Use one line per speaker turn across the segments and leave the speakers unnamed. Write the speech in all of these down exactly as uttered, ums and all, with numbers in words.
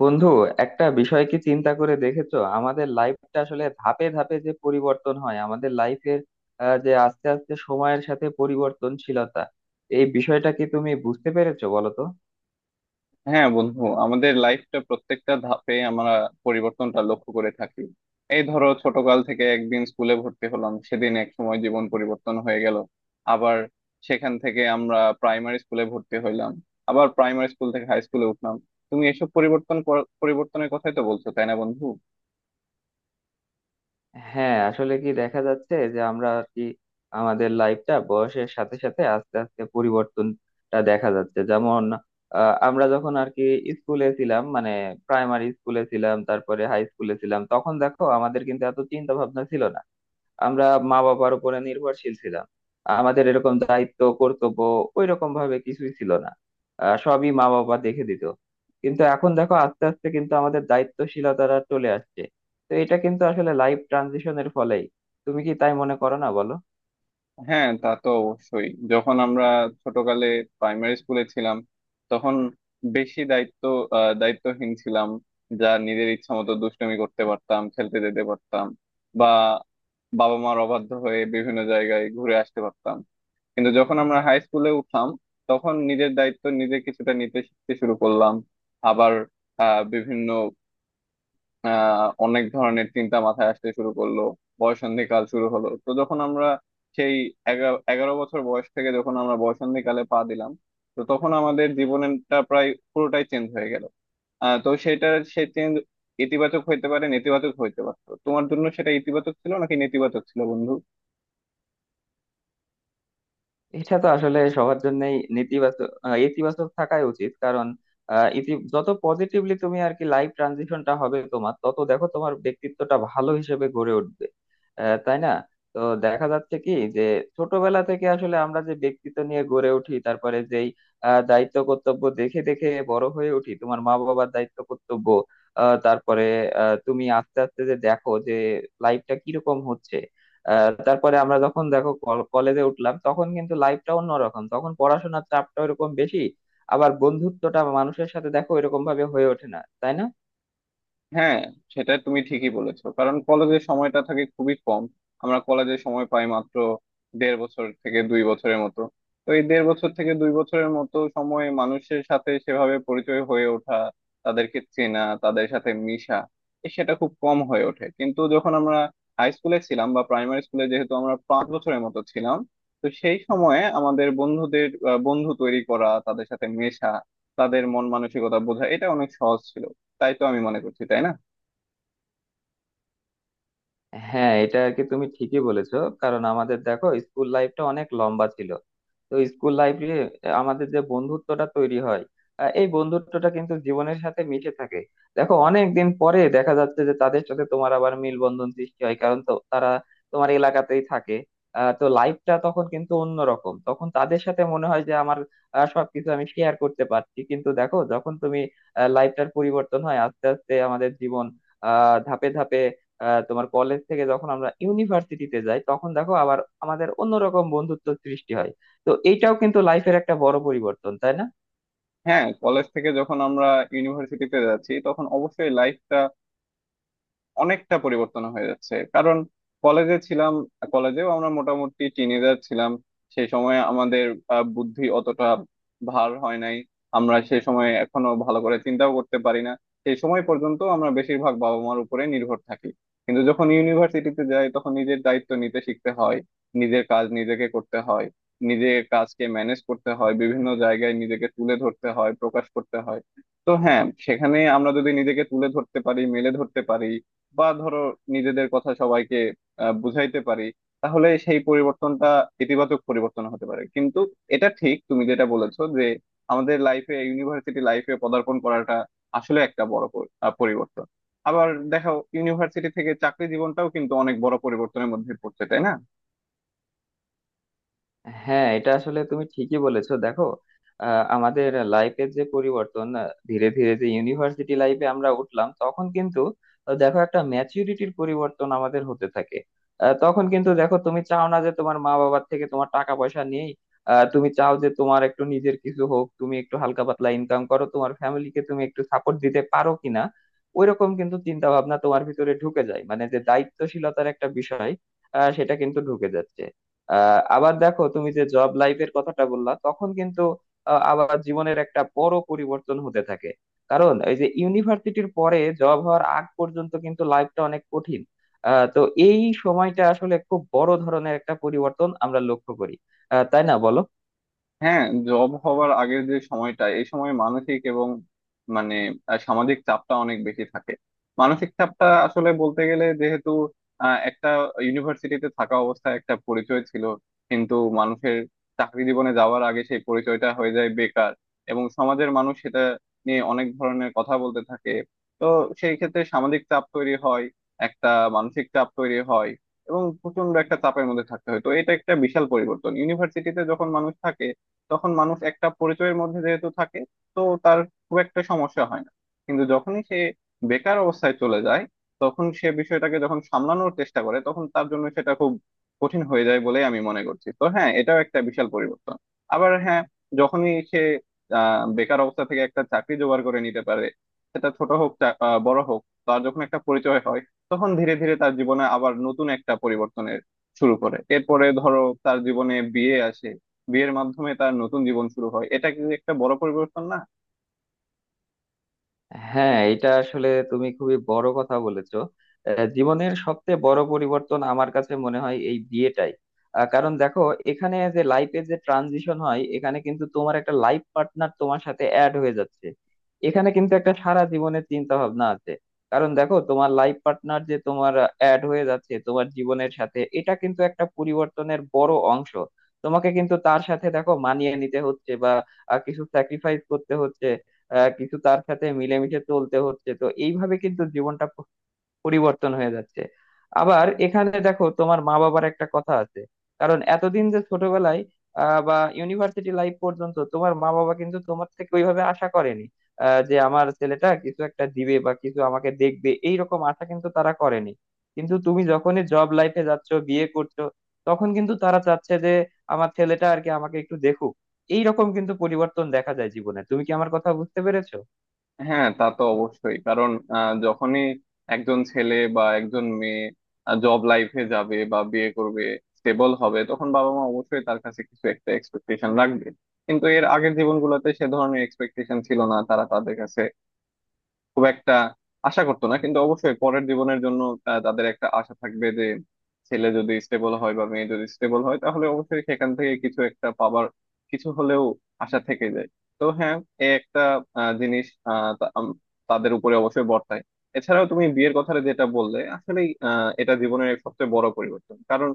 বন্ধু, একটা বিষয় কি চিন্তা করে দেখেছো, আমাদের লাইফটা আসলে ধাপে ধাপে যে পরিবর্তন হয় আমাদের লাইফের, যে আস্তে আস্তে সময়ের সাথে পরিবর্তনশীলতা। এই বিষয়টা কি তুমি বুঝতে পেরেছো বলো তো?
হ্যাঁ বন্ধু, আমাদের লাইফটা প্রত্যেকটা ধাপে আমরা পরিবর্তনটা লক্ষ্য করে থাকি। এই ধরো ছোটকাল থেকে একদিন স্কুলে ভর্তি হলাম, সেদিন এক সময় জীবন পরিবর্তন হয়ে গেল। আবার সেখান থেকে আমরা প্রাইমারি স্কুলে ভর্তি হইলাম, আবার প্রাইমারি স্কুল থেকে হাই স্কুলে উঠলাম। তুমি এসব পরিবর্তন কর- পরিবর্তনের কথাই তো বলছো, তাই না বন্ধু?
হ্যাঁ, আসলে কি দেখা যাচ্ছে যে আমরা আর কি আমাদের লাইফটা বয়সের সাথে সাথে আস্তে আস্তে পরিবর্তনটা দেখা যাচ্ছে। যেমন আহ, আমরা যখন আর কি স্কুলে ছিলাম, মানে প্রাইমারি স্কুলে ছিলাম, তারপরে হাই স্কুলে ছিলাম, তখন দেখো আমাদের কিন্তু এত চিন্তা ভাবনা ছিল না। আমরা মা বাবার উপরে নির্ভরশীল ছিলাম। আমাদের এরকম দায়িত্ব কর্তব্য ওই রকম ভাবে কিছুই ছিল না। আহ, সবই মা বাবা দেখে দিত। কিন্তু এখন দেখো আস্তে আস্তে কিন্তু আমাদের দায়িত্বশীলতাটা চলে আসছে। তো এটা কিন্তু আসলে লাইফ ট্রানজিশনের ফলেই। তুমি কি তাই মনে করো না বলো?
হ্যাঁ, তা তো অবশ্যই। যখন আমরা ছোটকালে প্রাইমারি স্কুলে ছিলাম তখন বেশি দায়িত্ব আহ, দায়িত্বহীন ছিলাম। যা নিজের ইচ্ছা মতো দুষ্টুমি করতে পারতাম, খেলতে যেতে পারতাম, বা বাবা মার অবাধ্য হয়ে বিভিন্ন জায়গায় ঘুরে আসতে পারতাম। কিন্তু যখন আমরা হাই স্কুলে উঠলাম তখন নিজের দায়িত্ব নিজে কিছুটা নিতে শিখতে শুরু করলাম। আবার আহ বিভিন্ন আহ অনেক ধরনের চিন্তা মাথায় আসতে শুরু করলো। বয়ঃসন্ধিকাল শুরু হলো তো, যখন আমরা সেই এগা- এগারো বছর বয়স থেকে যখন আমরা বয়ঃসন্ধিকালে পা দিলাম, তো তখন আমাদের জীবনটা প্রায় পুরোটাই চেঞ্জ হয়ে গেল। আহ তো সেটা, সেই চেঞ্জ ইতিবাচক হইতে পারে, নেতিবাচক হইতে পারতো। তোমার জন্য সেটা ইতিবাচক ছিল নাকি নেতিবাচক ছিল বন্ধু?
এটা তো আসলে সবার জন্যই নেতিবাচক আহ, ইতিবাচক থাকাই উচিত। কারণ আহ, ইতি যত পজিটিভলি তুমি আর কি লাইফ ট্রানজিশনটা হবে তোমার, তত দেখো তোমার ব্যক্তিত্বটা ভালো হিসেবে গড়ে উঠবে। আহ, তাই না? তো দেখা যাচ্ছে কি যে ছোটবেলা থেকে আসলে আমরা যে ব্যক্তিত্ব নিয়ে গড়ে উঠি, তারপরে যেই আহ, দায়িত্ব কর্তব্য দেখে দেখে বড় হয়ে উঠি, তোমার মা বাবার দায়িত্ব কর্তব্য, আহ, তারপরে আহ, তুমি আস্তে আস্তে যে দেখো যে লাইফটা কিরকম হচ্ছে। আহ তারপরে আমরা যখন দেখো কলেজে উঠলাম, তখন কিন্তু লাইফটা অন্যরকম। তখন পড়াশোনার চাপটা ওরকম বেশি। আবার বন্ধুত্বটা মানুষের সাথে দেখো এরকম ভাবে হয়ে ওঠে না, তাই না?
হ্যাঁ, সেটা তুমি ঠিকই বলেছো। কারণ কলেজের সময়টা থাকে খুবই কম, আমরা কলেজে সময় পাই মাত্র দেড় বছর থেকে দুই বছরের মতো। তো এই দেড় বছর থেকে দুই বছরের মতো সময় মানুষের সাথে সেভাবে পরিচয় হয়ে ওঠা, তাদেরকে চেনা, তাদের সাথে মিশা এ সেটা খুব কম হয়ে ওঠে। কিন্তু যখন আমরা হাই স্কুলে ছিলাম বা প্রাইমারি স্কুলে, যেহেতু আমরা পাঁচ বছরের মতো ছিলাম, তো সেই সময়ে আমাদের বন্ধুদের আহ, বন্ধু তৈরি করা, তাদের সাথে মেশা, তাদের মন মানসিকতা বোঝা এটা অনেক সহজ ছিল। তাই তো আমি মনে করছি, তাই না?
হ্যাঁ, এটা আর কি তুমি ঠিকই বলেছো। কারণ আমাদের দেখো স্কুল লাইফটা অনেক লম্বা ছিল। তো স্কুল লাইফে আমাদের যে বন্ধুত্বটা তৈরি হয়, আহ, এই বন্ধুত্বটা কিন্তু জীবনের সাথে মিশে থাকে। দেখো অনেক দিন পরে দেখা যাচ্ছে যে তাদের সাথে তোমার আবার মিলবন্ধন সৃষ্টি হয়, কারণ তো তারা তোমার এলাকাতেই থাকে। আহ, তো লাইফটা তখন কিন্তু অন্যরকম। তখন তাদের সাথে মনে হয় যে আমার আহ, সবকিছু আমি শেয়ার করতে পারছি। কিন্তু দেখো যখন তুমি লাইফটার পরিবর্তন হয় আস্তে আস্তে আমাদের জীবন আহ ধাপে ধাপে, আহ, তোমার কলেজ থেকে যখন আমরা ইউনিভার্সিটিতে যাই, তখন দেখো আবার আমাদের অন্যরকম বন্ধুত্ব সৃষ্টি হয়। তো এইটাও কিন্তু লাইফের একটা বড় পরিবর্তন, তাই না?
হ্যাঁ, কলেজ থেকে যখন আমরা ইউনিভার্সিটিতে যাচ্ছি তখন অবশ্যই লাইফটা অনেকটা পরিবর্তন হয়ে যাচ্ছে। কারণ কলেজে ছিলাম, কলেজেও আমরা মোটামুটি টিনেজার ছিলাম। সেই সময় আমাদের আহ, বুদ্ধি অতটা ভার হয় নাই। আমরা সেই সময় এখনো ভালো করে চিন্তাও করতে পারি না। সেই সময় পর্যন্ত আমরা বেশিরভাগ বাবা মার উপরে নির্ভর থাকি। কিন্তু যখন ইউনিভার্সিটিতে যাই তখন নিজের দায়িত্ব নিতে শিখতে হয়, নিজের কাজ নিজেকে করতে হয়, নিজের কাজকে ম্যানেজ করতে হয়, বিভিন্ন জায়গায় নিজেকে তুলে ধরতে হয়, প্রকাশ করতে হয়। তো হ্যাঁ, সেখানে আমরা যদি নিজেকে তুলে ধরতে পারি, মেলে ধরতে পারি, বা ধরো নিজেদের কথা সবাইকে আহ, বুঝাইতে পারি, তাহলে সেই পরিবর্তনটা ইতিবাচক পরিবর্তন হতে পারে। কিন্তু এটা ঠিক তুমি যেটা বলেছো যে আমাদের লাইফে ইউনিভার্সিটি লাইফে পদার্পণ করাটা আসলে একটা বড় পর- আহ, পরিবর্তন। আবার দেখো, ইউনিভার্সিটি থেকে চাকরি জীবনটাও কিন্তু অনেক বড় পরিবর্তনের মধ্যে পড়ছে, তাই না?
হ্যাঁ, এটা আসলে তুমি ঠিকই বলেছো। দেখো আহ, আমাদের লাইফের যে পরিবর্তন, আহ, ধীরে ধীরে যে ইউনিভার্সিটি লাইফে আমরা উঠলাম, তখন কিন্তু আহ, দেখো একটা ম্যাচুরিটির পরিবর্তন আমাদের হতে থাকে। আহ, তখন কিন্তু দেখো তুমি চাও না যে তোমার মা বাবার থেকে তোমার টাকা পয়সা নিয়েই আহ, তুমি চাও যে তোমার একটু নিজের কিছু হোক, তুমি একটু হালকা পাতলা ইনকাম করো, তোমার ফ্যামিলিকে তুমি একটু সাপোর্ট দিতে পারো কিনা। ওইরকম কিন্তু চিন্তা ভাবনা তোমার ভিতরে ঢুকে যায়, মানে যে দায়িত্বশীলতার একটা বিষয়, আহ, সেটা কিন্তু ঢুকে যাচ্ছে। আহ আবার দেখো তুমি যে জব লাইফের কথাটা বললা, তখন কিন্তু আহ, আবার জীবনের একটা বড় পরিবর্তন হতে থাকে। কারণ এই যে ইউনিভার্সিটির পরে জব হওয়ার আগ পর্যন্ত কিন্তু লাইফটা অনেক কঠিন। আহ, তো এই সময়টা আসলে খুব বড় ধরনের একটা পরিবর্তন আমরা লক্ষ্য করি। আহ, তাই না বলো?
হ্যাঁ, জব হওয়ার আগের যে সময়টা, এই সময় মানসিক এবং মানে আহ, সামাজিক চাপটা অনেক বেশি থাকে। মানসিক চাপটা আসলে বলতে গেলে, যেহেতু আহ, একটা ইউনিভার্সিটিতে থাকা অবস্থায় একটা পরিচয় ছিল, কিন্তু মানুষের চাকরি জীবনে যাওয়ার আগে সেই পরিচয়টা হয়ে যায় বেকার, এবং সমাজের মানুষ সেটা নিয়ে অনেক ধরনের কথা বলতে থাকে। তো সেই ক্ষেত্রে সামাজিক চাপ তৈরি হয়, একটা মানসিক চাপ তৈরি হয়, এবং প্রচন্ড একটা চাপের মধ্যে থাকতে হয়। তো এটা একটা বিশাল পরিবর্তন। ইউনিভার্সিটিতে যখন মানুষ থাকে তখন মানুষ একটা পরিচয়ের মধ্যে যেহেতু থাকে, তো তার খুব একটা সমস্যা হয় না। কিন্তু যখনই সে বেকার অবস্থায় চলে যায় তখন সে বিষয়টাকে যখন সামলানোর চেষ্টা করে তখন তার জন্য সেটা খুব কঠিন হয়ে যায় বলেই আমি মনে করছি। তো হ্যাঁ, এটাও একটা বিশাল পরিবর্তন। আবার হ্যাঁ, যখনই সে আহ বেকার অবস্থা থেকে একটা চাকরি জোগাড় করে নিতে পারে, সেটা ছোট হোক চা- আহ, বড় হোক, তার যখন একটা পরিচয় হয় তখন ধীরে ধীরে তার জীবনে আবার নতুন একটা পরিবর্তনের শুরু করে। এরপরে ধরো তার জীবনে বিয়ে আসে, বিয়ের মাধ্যমে তার নতুন জীবন শুরু হয়। এটা কি একটা বড় পরিবর্তন না?
হ্যাঁ, এটা আসলে তুমি খুবই বড় কথা বলেছো। আহ, জীবনের সবচেয়ে বড় পরিবর্তন আমার কাছে মনে হয় এই বিয়েটাই। আহ, কারণ দেখো এখানে যে লাইফে যে ট্রানজিশন হয়, এখানে কিন্তু তোমার একটা লাইফ পার্টনার তোমার সাথে অ্যাড হয়ে যাচ্ছে। এখানে কিন্তু একটা সারা জীবনের চিন্তা ভাবনা আছে। কারণ দেখো তোমার লাইফ পার্টনার যে তোমার অ্যাড হয়ে যাচ্ছে তোমার জীবনের সাথে, এটা কিন্তু একটা পরিবর্তনের বড় অংশ। তোমাকে কিন্তু তার সাথে দেখো মানিয়ে নিতে হচ্ছে, বা আহ, কিছু স্যাক্রিফাইস করতে হচ্ছে, আহ কিছু তার সাথে মিলেমিশে চলতে হচ্ছে। তো এইভাবে কিন্তু জীবনটা পরিবর্তন হয়ে যাচ্ছে। আবার এখানে দেখো তোমার মা বাবার একটা কথা আছে। কারণ এতদিন যে ছোটবেলায় আহ, বা ইউনিভার্সিটি লাইফ পর্যন্ত তোমার মা বাবা কিন্তু তোমার থেকে ওইভাবে আশা করেনি, আহ, যে আমার ছেলেটা কিছু একটা দিবে বা কিছু আমাকে দেখবে, এইরকম আশা কিন্তু তারা করেনি। কিন্তু তুমি যখনই জব লাইফে যাচ্ছ, বিয়ে করছো, তখন কিন্তু তারা চাচ্ছে যে আমার ছেলেটা আর কি আমাকে একটু দেখুক। এইরকম কিন্তু পরিবর্তন দেখা যায় জীবনে। তুমি কি আমার কথা বুঝতে পেরেছো?
হ্যাঁ, তা তো অবশ্যই। কারণ আহ, যখনই একজন ছেলে বা একজন মেয়ে জব লাইফে যাবে বা বিয়ে করবে, স্টেবল হবে, তখন বাবা মা অবশ্যই তার কাছে কিছু একটা এক্সপেকটেশন রাখবে। কিন্তু এর আগের জীবনগুলোতে সে ধরনের এক্সপেকটেশন ছিল না, তারা তাদের কাছে খুব একটা আশা করতো না। কিন্তু অবশ্যই পরের জীবনের জন্য তা- তাদের একটা আশা থাকবে যে ছেলে যদি স্টেবল হয় বা মেয়ে যদি স্টেবল হয় তাহলে অবশ্যই সেখান থেকে কিছু একটা পাবার, কিছু হলেও আশা থেকে যায়। তো হ্যাঁ, এ একটা আহ, জিনিস আহ, তা- আম- তাদের উপরে অবশ্যই বর্তায়। এছাড়াও তুমি বিয়ের কথাটা যেটা বললে, আসলে এটা জীবনের এক সবচেয়ে বড় পরিবর্তন। কারণ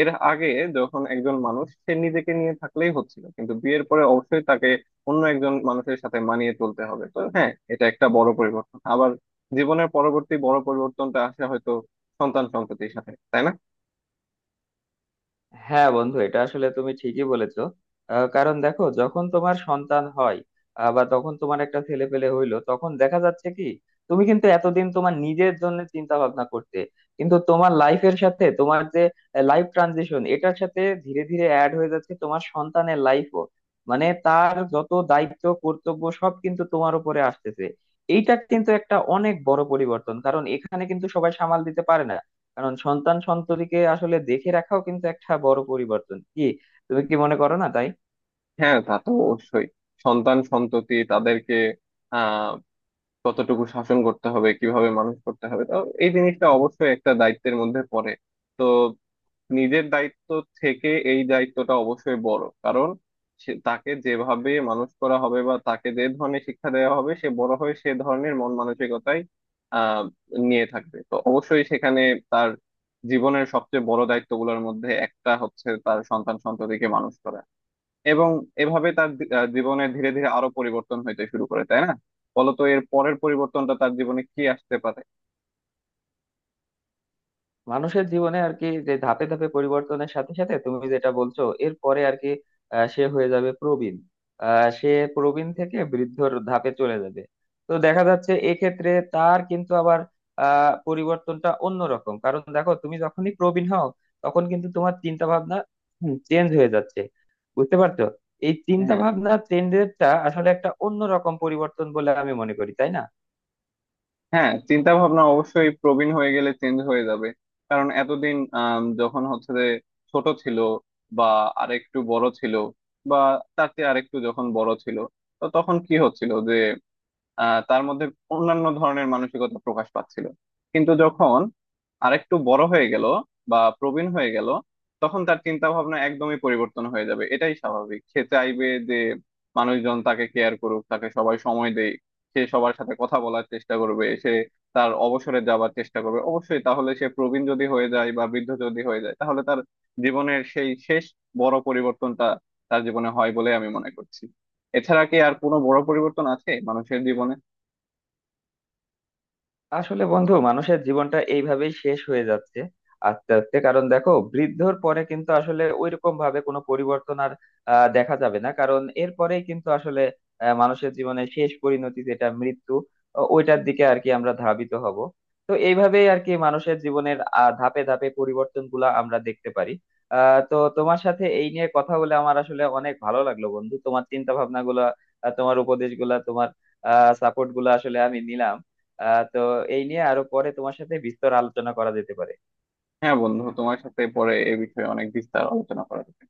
এর আগে যখন একজন মানুষ সে নিজেকে নিয়ে থাকলেই হচ্ছিল, কিন্তু বিয়ের পরে অবশ্যই তাকে অন্য একজন মানুষের সাথে মানিয়ে চলতে হবে। তো হ্যাঁ, এটা একটা বড় পরিবর্তন। আবার জীবনের পরবর্তী বড় পরিবর্তনটা আসে হয়তো সন্তান সন্ততির সাথে, তাই না?
হ্যাঁ বন্ধু, এটা আসলে তুমি ঠিকই বলেছো। আহ, কারণ দেখো যখন তোমার সন্তান হয়, আহ, বা তখন তোমার একটা ছেলে পেলে হইলো, তখন দেখা যাচ্ছে কি তুমি কিন্তু এতদিন তোমার নিজের জন্য চিন্তা ভাবনা করতে, কিন্তু তোমার লাইফের সাথে তোমার যে লাইফ ট্রানজিশন এটার সাথে ধীরে ধীরে অ্যাড হয়ে যাচ্ছে তোমার সন্তানের লাইফও। মানে তার যত দায়িত্ব কর্তব্য সব কিন্তু তোমার উপরে আসতেছে। এইটা কিন্তু একটা অনেক বড় পরিবর্তন, কারণ এখানে কিন্তু সবাই সামাল দিতে পারে না। কারণ সন্তান সন্ততিকে আসলে দেখে রাখাও কিন্তু একটা বড় পরিবর্তন কি, তুমি কি মনে করো না তাই?
হ্যাঁ, তা তো অবশ্যই। সন্তান সন্ততি তাদেরকে আহ কতটুকু শাসন করতে হবে, কিভাবে মানুষ করতে হবে, তো এই জিনিসটা অবশ্যই একটা দায়িত্বের মধ্যে পড়ে। তো নিজের দায়িত্ব থেকে এই দায়িত্বটা অবশ্যই বড়। কারণ সে তাকে যেভাবে মানুষ করা হবে বা তাকে যে ধরনের শিক্ষা দেওয়া হবে, সে বড় হয়ে সে ধরনের মন মানসিকতাই আহ নিয়ে থাকবে। তো অবশ্যই সেখানে তার জীবনের সবচেয়ে বড় দায়িত্বগুলোর মধ্যে একটা হচ্ছে তার সন্তান সন্ততিকে মানুষ করা। এবং এভাবে তার দি- আহ, জীবনে ধীরে ধীরে আরো পরিবর্তন হইতে শুরু করে, তাই না? বলতো এর পরের পরিবর্তনটা তার জীবনে কি আসতে পারে?
মানুষের জীবনে আর কি যে ধাপে ধাপে পরিবর্তনের সাথে সাথে তুমি যেটা বলছো, এরপরে আর কি আহ, সে হয়ে যাবে প্রবীণ। আহ, সে প্রবীণ থেকে বৃদ্ধর ধাপে চলে যাবে। তো দেখা যাচ্ছে এক্ষেত্রে তার কিন্তু আবার আহ পরিবর্তনটা অন্যরকম। কারণ দেখো তুমি যখনই প্রবীণ হও, তখন কিন্তু তোমার চিন্তা ভাবনা চেঞ্জ হয়ে যাচ্ছে। বুঝতে পারছো? এই চিন্তা
হ্যাঁ,
ভাবনা চেঞ্জেরটা আসলে একটা অন্যরকম পরিবর্তন বলে আমি মনে করি, তাই না?
হ্যাঁ, চিন্তা ভাবনা অবশ্যই প্রবীণ হয়ে গেলে চেঞ্জ হয়ে যাবে। কারণ এতদিন আম, যখন হচ্ছে যে ছোট ছিল, বা আরেকটু বড় ছিল, বা তার চেয়ে আরেকটু যখন বড় ছিল, তো তখন কি হচ্ছিল যে আহ তার মধ্যে অন্যান্য ধরনের মানসিকতা প্রকাশ পাচ্ছিল। কিন্তু যখন আরেকটু বড় হয়ে গেল বা প্রবীণ হয়ে গেল তখন তার চিন্তা ভাবনা একদমই পরিবর্তন হয়ে যাবে, এটাই স্বাভাবিক। সে চাইবে যে মানুষজন তাকে কেয়ার করুক, তাকে সবাই সময় দেয়, সে সবার সাথে কথা বলার চেষ্টা করবে, সে তার অবসরে যাবার চেষ্টা করবে। অবশ্যই তাহলে সে প্রবীণ যদি হয়ে যায় বা বৃদ্ধ যদি হয়ে যায় তাহলে তার জীবনের সেই শেষ বড় পরিবর্তনটা তার জীবনে হয় বলে আমি মনে করছি। এছাড়া কি আর কোনো বড় পরিবর্তন আছে মানুষের জীবনে?
আসলে বন্ধু, মানুষের জীবনটা এইভাবেই শেষ হয়ে যাচ্ছে আস্তে আস্তে। কারণ দেখো বৃদ্ধর পরে কিন্তু আসলে ওইরকম ভাবে কোনো পরিবর্তন আর আহ, দেখা যাবে না। কারণ এরপরেই কিন্তু আসলে আহ, মানুষের জীবনের শেষ পরিণতি যেটা মৃত্যু, ও- ওইটার দিকে আর কি আমরা ধাবিত হব। তো এইভাবেই আর কি মানুষের জীবনের আহ, ধাপে ধাপে পরিবর্তন গুলা আমরা দেখতে পারি। আহ তো তোমার সাথে এই নিয়ে কথা বলে আমার আসলে অনেক ভালো লাগলো বন্ধু। তোমার চিন্তা ভাবনা গুলা, আহ, তোমার উপদেশ গুলা, তোমার আহ সাপোর্ট গুলা আসলে আমি নিলাম। আহ তো এই নিয়ে আরো পরে তোমার সাথে বিস্তর আলোচনা করা যেতে পারে।
হ্যাঁ বন্ধু, তোমার সাথে পরে এ বিষয়ে অনেক বিস্তার আলোচনা করা যাবে।